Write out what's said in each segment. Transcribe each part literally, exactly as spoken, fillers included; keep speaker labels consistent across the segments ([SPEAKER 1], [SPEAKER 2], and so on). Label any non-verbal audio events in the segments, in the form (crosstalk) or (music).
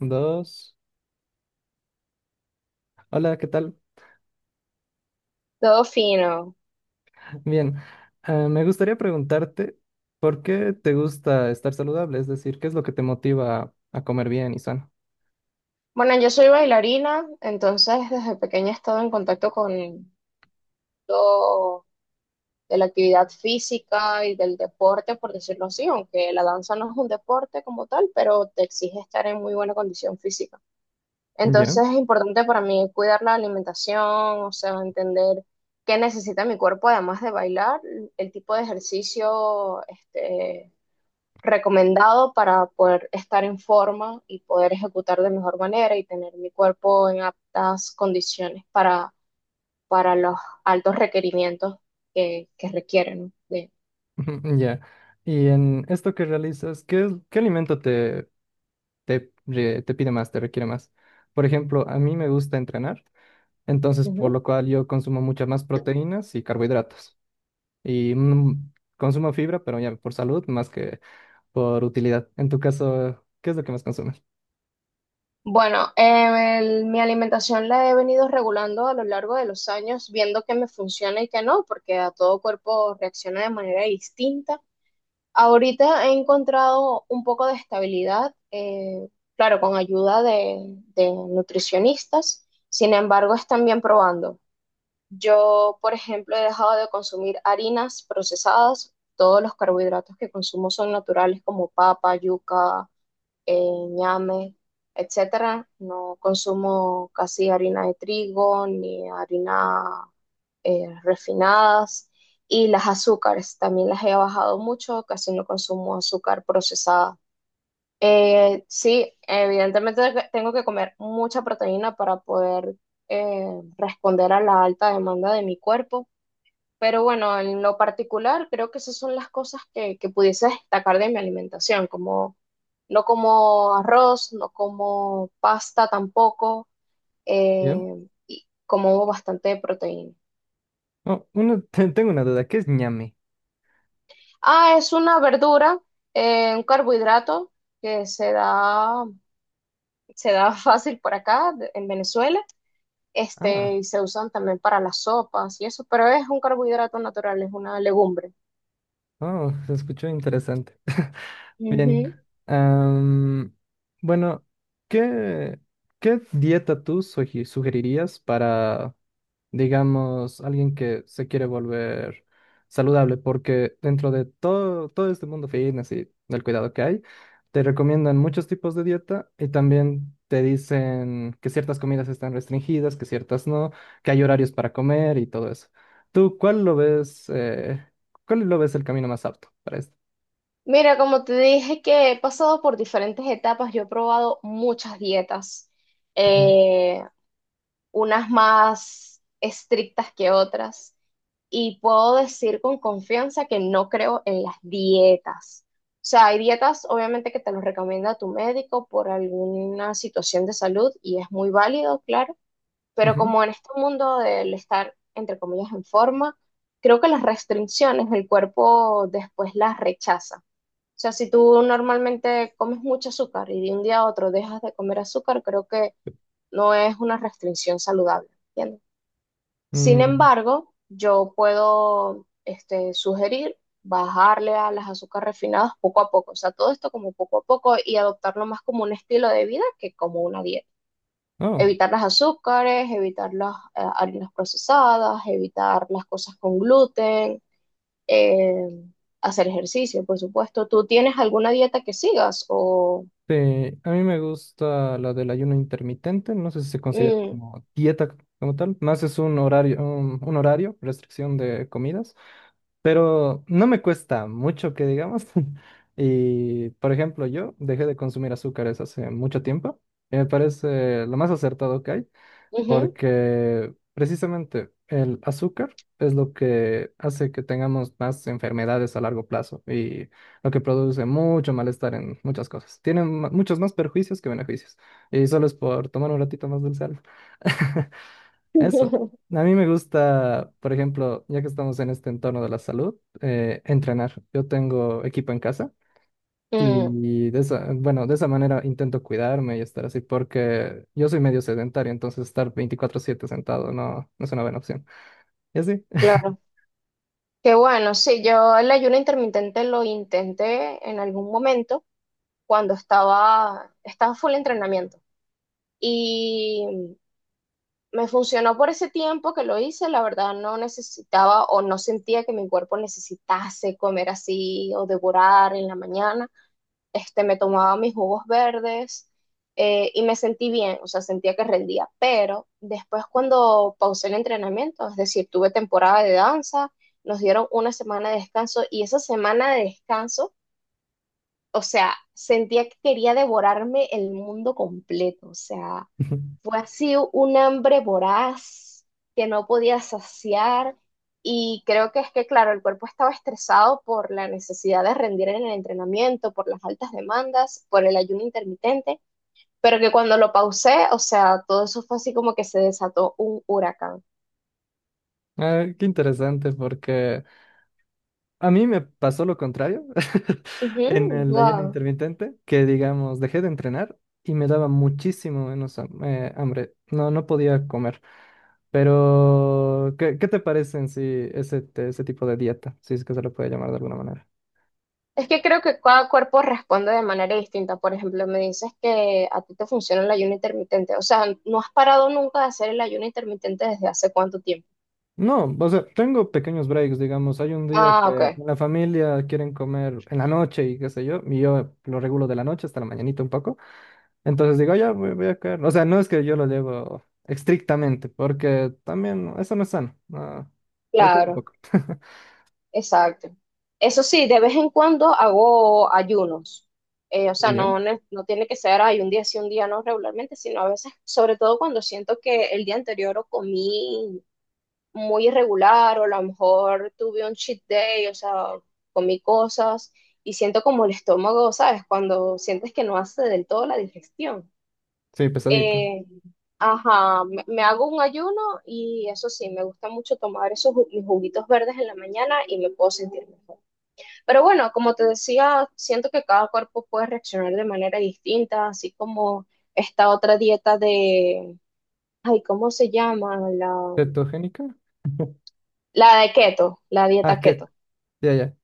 [SPEAKER 1] Dos. Hola, ¿qué tal?
[SPEAKER 2] Todo fino.
[SPEAKER 1] Bien. Ah, me gustaría preguntarte, ¿por qué te gusta estar saludable? Es decir, ¿qué es lo que te motiva a comer bien y sano?
[SPEAKER 2] Bueno, yo soy bailarina, entonces desde pequeña he estado en contacto con todo de la actividad física y del deporte, por decirlo así, aunque la danza no es un deporte como tal, pero te exige estar en muy buena condición física.
[SPEAKER 1] Ya.
[SPEAKER 2] Entonces es importante para mí cuidar la alimentación, o sea, entender qué necesita mi cuerpo además de bailar, el tipo de ejercicio, este, recomendado para poder estar en forma y poder ejecutar de mejor manera y tener mi cuerpo en aptas condiciones para, para los altos requerimientos que, que requieren, ¿no? De,
[SPEAKER 1] (laughs) Ujú, ya. Y en esto que realizas, ¿qué, es- ¿qué alimento te, te, re- te pide más, te requiere más? Por ejemplo, a mí me gusta entrenar, entonces por
[SPEAKER 2] Ujú.
[SPEAKER 1] lo cual yo consumo muchas más proteínas y carbohidratos. Y mm, consumo fibra, pero ya por salud más que por utilidad. En tu caso, ¿qué es lo que más consumes?
[SPEAKER 2] Bueno, eh, el- mi alimentación la he venido regulando a lo largo de los años, viendo qué me funciona y qué no, porque a todo cuerpo reacciona de manera distinta. Ahorita he encontrado un poco de estabilidad, eh, claro, con ayuda de, de nutricionistas, sin embargo, están bien probando. Yo, por ejemplo, he dejado de consumir harinas procesadas, todos los carbohidratos que consumo son naturales como papa, yuca, eh, ñame, etcétera. No consumo casi harina de trigo ni harina eh, refinadas y las azúcares. También las he bajado mucho, casi no consumo azúcar procesada. Eh, sí, evidentemente de- tengo que comer mucha proteína para poder eh, responder a la alta demanda de mi cuerpo. Pero bueno, en lo particular, creo que esas son las cosas que, que pudiese destacar de mi alimentación, como no como arroz, no como pasta tampoco, eh, y como bastante proteína.
[SPEAKER 1] Oh, uno, (laughs) te- tengo una duda, ¿qué es ñame?
[SPEAKER 2] Ah, es una verdura, eh, un carbohidrato que se da, se da (laughs) fácil por acá, de- en Venezuela, este,
[SPEAKER 1] Ah,
[SPEAKER 2] y se usan también para las sopas y eso, pero es un carbohidrato natural, es una legumbre.
[SPEAKER 1] oh, (laughs) se escuchó interesante. (laughs) Bien,
[SPEAKER 2] Ujú.
[SPEAKER 1] am, bueno, ¿qué, ¿qué dieta tú sugi- sugerirías para digamos, alguien que se quiere volver saludable, porque dentro de todo, todo este mundo fitness y del cuidado que hay, te recomiendan muchos tipos de dieta y también te dicen que ciertas comidas están restringidas, que ciertas no, que hay horarios para comer y todo eso. ¿Tú cuál lo ves, eh, cuál lo ves el camino más apto para esto?
[SPEAKER 2] Mira, como te dije que he pasado por diferentes etapas, yo he probado muchas dietas.
[SPEAKER 1] Ujú.
[SPEAKER 2] Eh, Unas más estrictas que otras. Y puedo decir con confianza que no creo en las dietas. O sea, hay dietas obviamente que te los recomienda tu médico por alguna situación de salud y es muy válido, claro, pero
[SPEAKER 1] Ujú.
[SPEAKER 2] como en este mundo del estar, entre comillas, en forma, creo que las restricciones el cuerpo después las rechaza. O sea, si tú normalmente comes mucho azúcar y de un día a otro dejas de comer azúcar, creo que no es una restricción saludable, ¿entiendes? Sin
[SPEAKER 1] Mm.
[SPEAKER 2] embargo, yo puedo este, sugerir bajarle a las azúcares refinadas poco a poco, o sea, todo esto como poco a poco y adoptarlo más como un estilo de vida que como una dieta.
[SPEAKER 1] Oh.
[SPEAKER 2] Evitar las azúcares, evitar las eh, harinas procesadas, evitar las cosas con gluten, eh, hacer ejercicio, por supuesto. ¿Tú tienes alguna dieta que sigas o...
[SPEAKER 1] Sí, a mí me gusta la del ayuno intermitente, no sé si se considera
[SPEAKER 2] Mm,
[SPEAKER 1] como dieta como tal, más es un horario, un, un horario, restricción de comidas, pero no me cuesta mucho que digamos. (laughs) Y, por ejemplo, yo dejé de consumir azúcares hace mucho tiempo, y me parece lo más acertado que hay
[SPEAKER 2] ujú.
[SPEAKER 1] porque precisamente el azúcar es lo que hace que tengamos más enfermedades a largo plazo y lo que produce mucho malestar en muchas cosas. Tiene ma- muchos más perjuicios que beneficios y solo es por tomar un ratito más del sal. (laughs) Eso.
[SPEAKER 2] (laughs)
[SPEAKER 1] A mí me gusta, por ejemplo, ya que estamos en este entorno de la salud, eh, entrenar. Yo tengo equipo en casa.
[SPEAKER 2] Mm,
[SPEAKER 1] Y de esa, bueno, de esa manera intento cuidarme y estar así, porque yo soy medio sedentario, entonces estar veinticuatro siete sentado no, no es una buena opción. Y así.
[SPEAKER 2] claro. Qué bueno, sí, yo el ayuno intermitente lo intenté en algún momento cuando estaba, estaba full entrenamiento y me funcionó por ese tiempo que lo hice, la verdad no necesitaba o no sentía que mi cuerpo necesitase comer así o devorar en la mañana, este, me tomaba mis jugos verdes, eh, y me sentí bien, o sea, sentía que rendía. Pero después cuando pausé el entrenamiento, es decir, tuve temporada de danza, nos dieron una semana de descanso y esa semana de descanso, o sea, sentía que quería devorarme el mundo completo, o sea,
[SPEAKER 1] (laughs)
[SPEAKER 2] fue así un hambre voraz que no podía saciar, y creo que es que, claro, el cuerpo estaba estresado por la necesidad de rendir en el entrenamiento, por las altas demandas, por el ayuno intermitente, pero que cuando lo pausé, o sea, todo eso fue así como que se desató un huracán.
[SPEAKER 1] Ah, qué interesante, porque a mí me pasó lo contrario (laughs)
[SPEAKER 2] Ujú,
[SPEAKER 1] en el ayuno
[SPEAKER 2] guau.
[SPEAKER 1] intermitente, que digamos, dejé de entrenar y me daba muchísimo menos ham- eh, hambre. No, no podía comer. Pero, ¿qué, ¿qué te parecen si ese, te- ese tipo de dieta, si es que se lo puede llamar de alguna manera?
[SPEAKER 2] Es que creo que cada cuerpo responde de manera distinta. Por ejemplo, me dices que a ti te funciona el ayuno intermitente. O sea, ¿no has parado nunca de hacer el ayuno intermitente desde hace cuánto tiempo?
[SPEAKER 1] No, o sea, tengo pequeños breaks, digamos. Hay un día que
[SPEAKER 2] Ah,
[SPEAKER 1] en
[SPEAKER 2] ok.
[SPEAKER 1] la familia quieren comer en la noche y qué sé yo, y yo lo regulo de la noche hasta la mañanita un poco. Entonces digo, "Ah, ya voy, voy a caer". O sea, no es que yo lo llevo estrictamente, porque también eso no es sano. No, de todo un
[SPEAKER 2] Claro,
[SPEAKER 1] poco. (laughs)
[SPEAKER 2] exacto. Eso sí, de vez en cuando hago ayunos. Eh, o sea,
[SPEAKER 1] ¿Yo?
[SPEAKER 2] no, ne- no tiene que ser hay un día sí, un día no regularmente, sino a veces, sobre todo cuando siento que el día anterior o comí muy irregular o a lo mejor tuve un cheat day, o sea, comí cosas y siento como el estómago, ¿sabes? Cuando sientes que no hace del todo la digestión.
[SPEAKER 1] Sí, pesadito.
[SPEAKER 2] Eh, ajá, me, me hago un ayuno y eso sí, me gusta mucho tomar esos ju- mis juguitos verdes en la mañana y me puedo sentir mejor. Pero bueno, como te decía, siento que cada cuerpo puede reaccionar de manera distinta, así como esta otra dieta de, ay, ¿cómo se llama? La,
[SPEAKER 1] ¿Cetogénica? (laughs)
[SPEAKER 2] la de keto, la
[SPEAKER 1] Ah,
[SPEAKER 2] dieta
[SPEAKER 1] keto.
[SPEAKER 2] keto.
[SPEAKER 1] Ya, ya.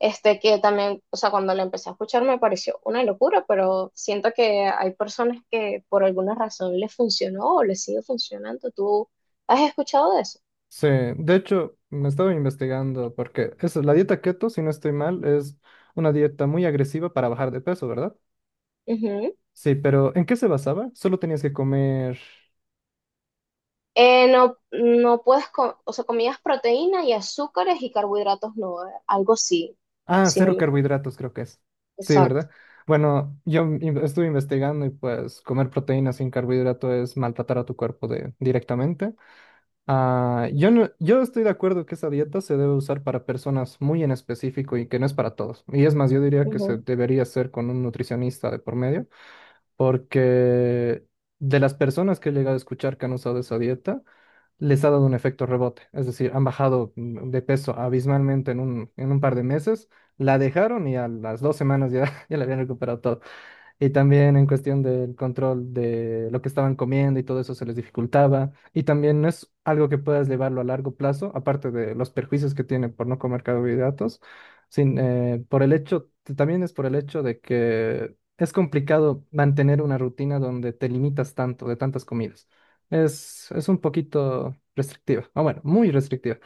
[SPEAKER 2] Este que también, o sea, cuando la empecé a escuchar me pareció una locura, pero siento que hay personas que por alguna razón les funcionó o les sigue funcionando. ¿Tú has escuchado de eso?
[SPEAKER 1] Sí, de hecho, me estaba investigando porque eso, la dieta keto, si no estoy mal, es una dieta muy agresiva para bajar de peso, ¿verdad?
[SPEAKER 2] Ujú.
[SPEAKER 1] Sí, pero ¿en qué se basaba? Solo tenías que comer...
[SPEAKER 2] Eh, no, no puedes, co- o sea, comías proteína y azúcares y carbohidratos, no, eh, algo así,
[SPEAKER 1] Ah,
[SPEAKER 2] si no
[SPEAKER 1] cero
[SPEAKER 2] me equivoco.
[SPEAKER 1] carbohidratos creo que es. Sí,
[SPEAKER 2] Exacto.
[SPEAKER 1] ¿verdad? Bueno, yo in- estuve investigando y pues comer proteínas sin carbohidrato es maltratar a tu cuerpo de, directamente. Ah, yo no, yo estoy de acuerdo que esa dieta se debe usar para personas muy en específico y que no es para todos. Y es más, yo diría que se debería hacer con un nutricionista de por medio, porque de las personas que he llegado a escuchar que han usado esa dieta, les ha dado un efecto rebote, es decir, han bajado mm, de peso abismalmente en un, en un par de meses, la dejaron y a las dos semanas ya, (laughs) ya la habían recuperado todo. Y también en cuestión del control de lo que estaban comiendo y todo eso se les dificultaba. Y también no es algo que puedas llevarlo a largo plazo, aparte de los perjuicios que tiene por no comer carbohidratos, sin, eh, por el hecho, también es por el hecho de que es complicado mantener una rutina donde te limitas tanto de tantas comidas. Es, es un poquito restrictiva, o bueno, muy restrictiva.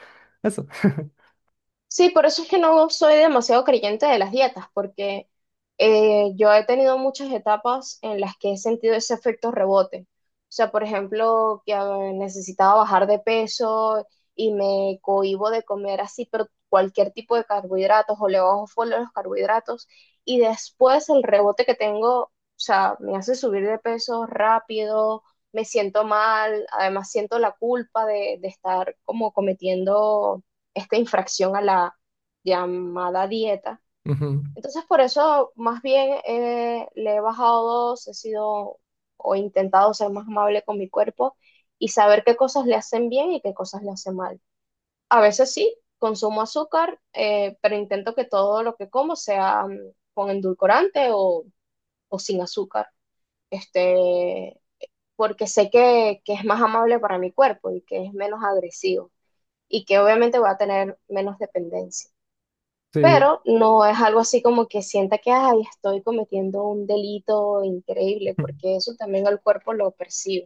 [SPEAKER 1] Eso. (laughs)
[SPEAKER 2] Sí, por eso es que no soy demasiado creyente de las dietas, porque eh, yo he tenido muchas etapas en las que he sentido ese efecto rebote. O sea, por ejemplo, que eh, necesitaba bajar de peso y me cohíbo de comer así, pero cualquier tipo de carbohidratos o le bajo full a los carbohidratos y después el rebote que tengo, o sea, me hace subir de peso rápido, me siento mal, además siento la culpa de, de estar como cometiendo esta infracción a la llamada dieta.
[SPEAKER 1] Ujú.
[SPEAKER 2] Entonces, por eso más bien eh, le he bajado dos, he sido o intentado ser más amable con mi cuerpo y saber qué cosas le hacen bien y qué cosas le hacen mal. A veces sí, consumo azúcar, eh, pero intento que todo lo que como sea mm, con endulcorante o, o sin azúcar, este, porque sé que, que es más amable para mi cuerpo y que es menos agresivo y que obviamente voy a tener menos dependencia.
[SPEAKER 1] Sí.
[SPEAKER 2] Pero no es algo así como que sienta que ay, estoy cometiendo un delito increíble,
[SPEAKER 1] (laughs)
[SPEAKER 2] porque eso también el cuerpo lo percibe.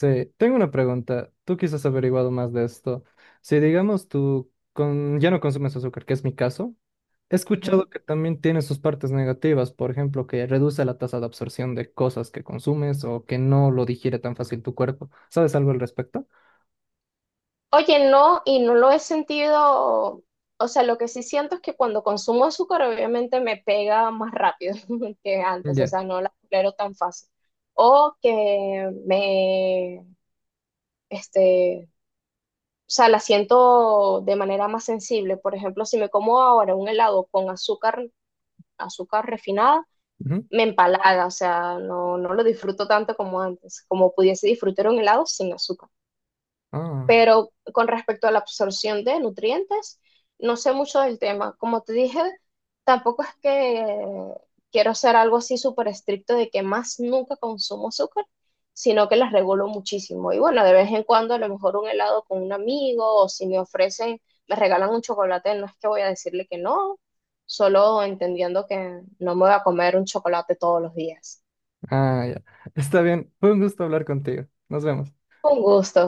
[SPEAKER 1] Sí, tengo una pregunta. Tú quizás has averiguado más de esto. Si digamos tú con... ya no consumes azúcar, que es mi caso, he
[SPEAKER 2] Ujú.
[SPEAKER 1] escuchado que también tiene sus partes negativas, por ejemplo, que reduce la tasa de absorción de cosas que consumes o que no lo digiere tan fácil tu cuerpo. ¿Sabes algo al respecto?
[SPEAKER 2] Oye, no, y no lo he sentido, o sea, lo que sí siento es que cuando consumo azúcar obviamente me pega más rápido (laughs) que antes, o
[SPEAKER 1] Ya.
[SPEAKER 2] sea, no la tolero tan fácil. O que me, este, o sea, la siento de manera más sensible. Por ejemplo, si me como ahora un helado con azúcar, azúcar refinada,
[SPEAKER 1] Ujú.
[SPEAKER 2] me empalaga, o sea, no, no lo disfruto tanto como antes, como pudiese disfrutar un helado sin azúcar.
[SPEAKER 1] Ah,
[SPEAKER 2] Pero con respecto a la absorción de nutrientes, no sé mucho del tema. Como te dije, tampoco es que quiero hacer algo así súper estricto de que más nunca consumo azúcar, sino que las regulo muchísimo. Y bueno, de vez en cuando a lo mejor un helado con un amigo o si me ofrecen, me regalan un chocolate, no es que voy a decirle que no, solo entendiendo que no me voy a comer un chocolate todos los días.
[SPEAKER 1] ah, ya. Está bien. Fue un gusto hablar contigo. Nos vemos.
[SPEAKER 2] Un gusto.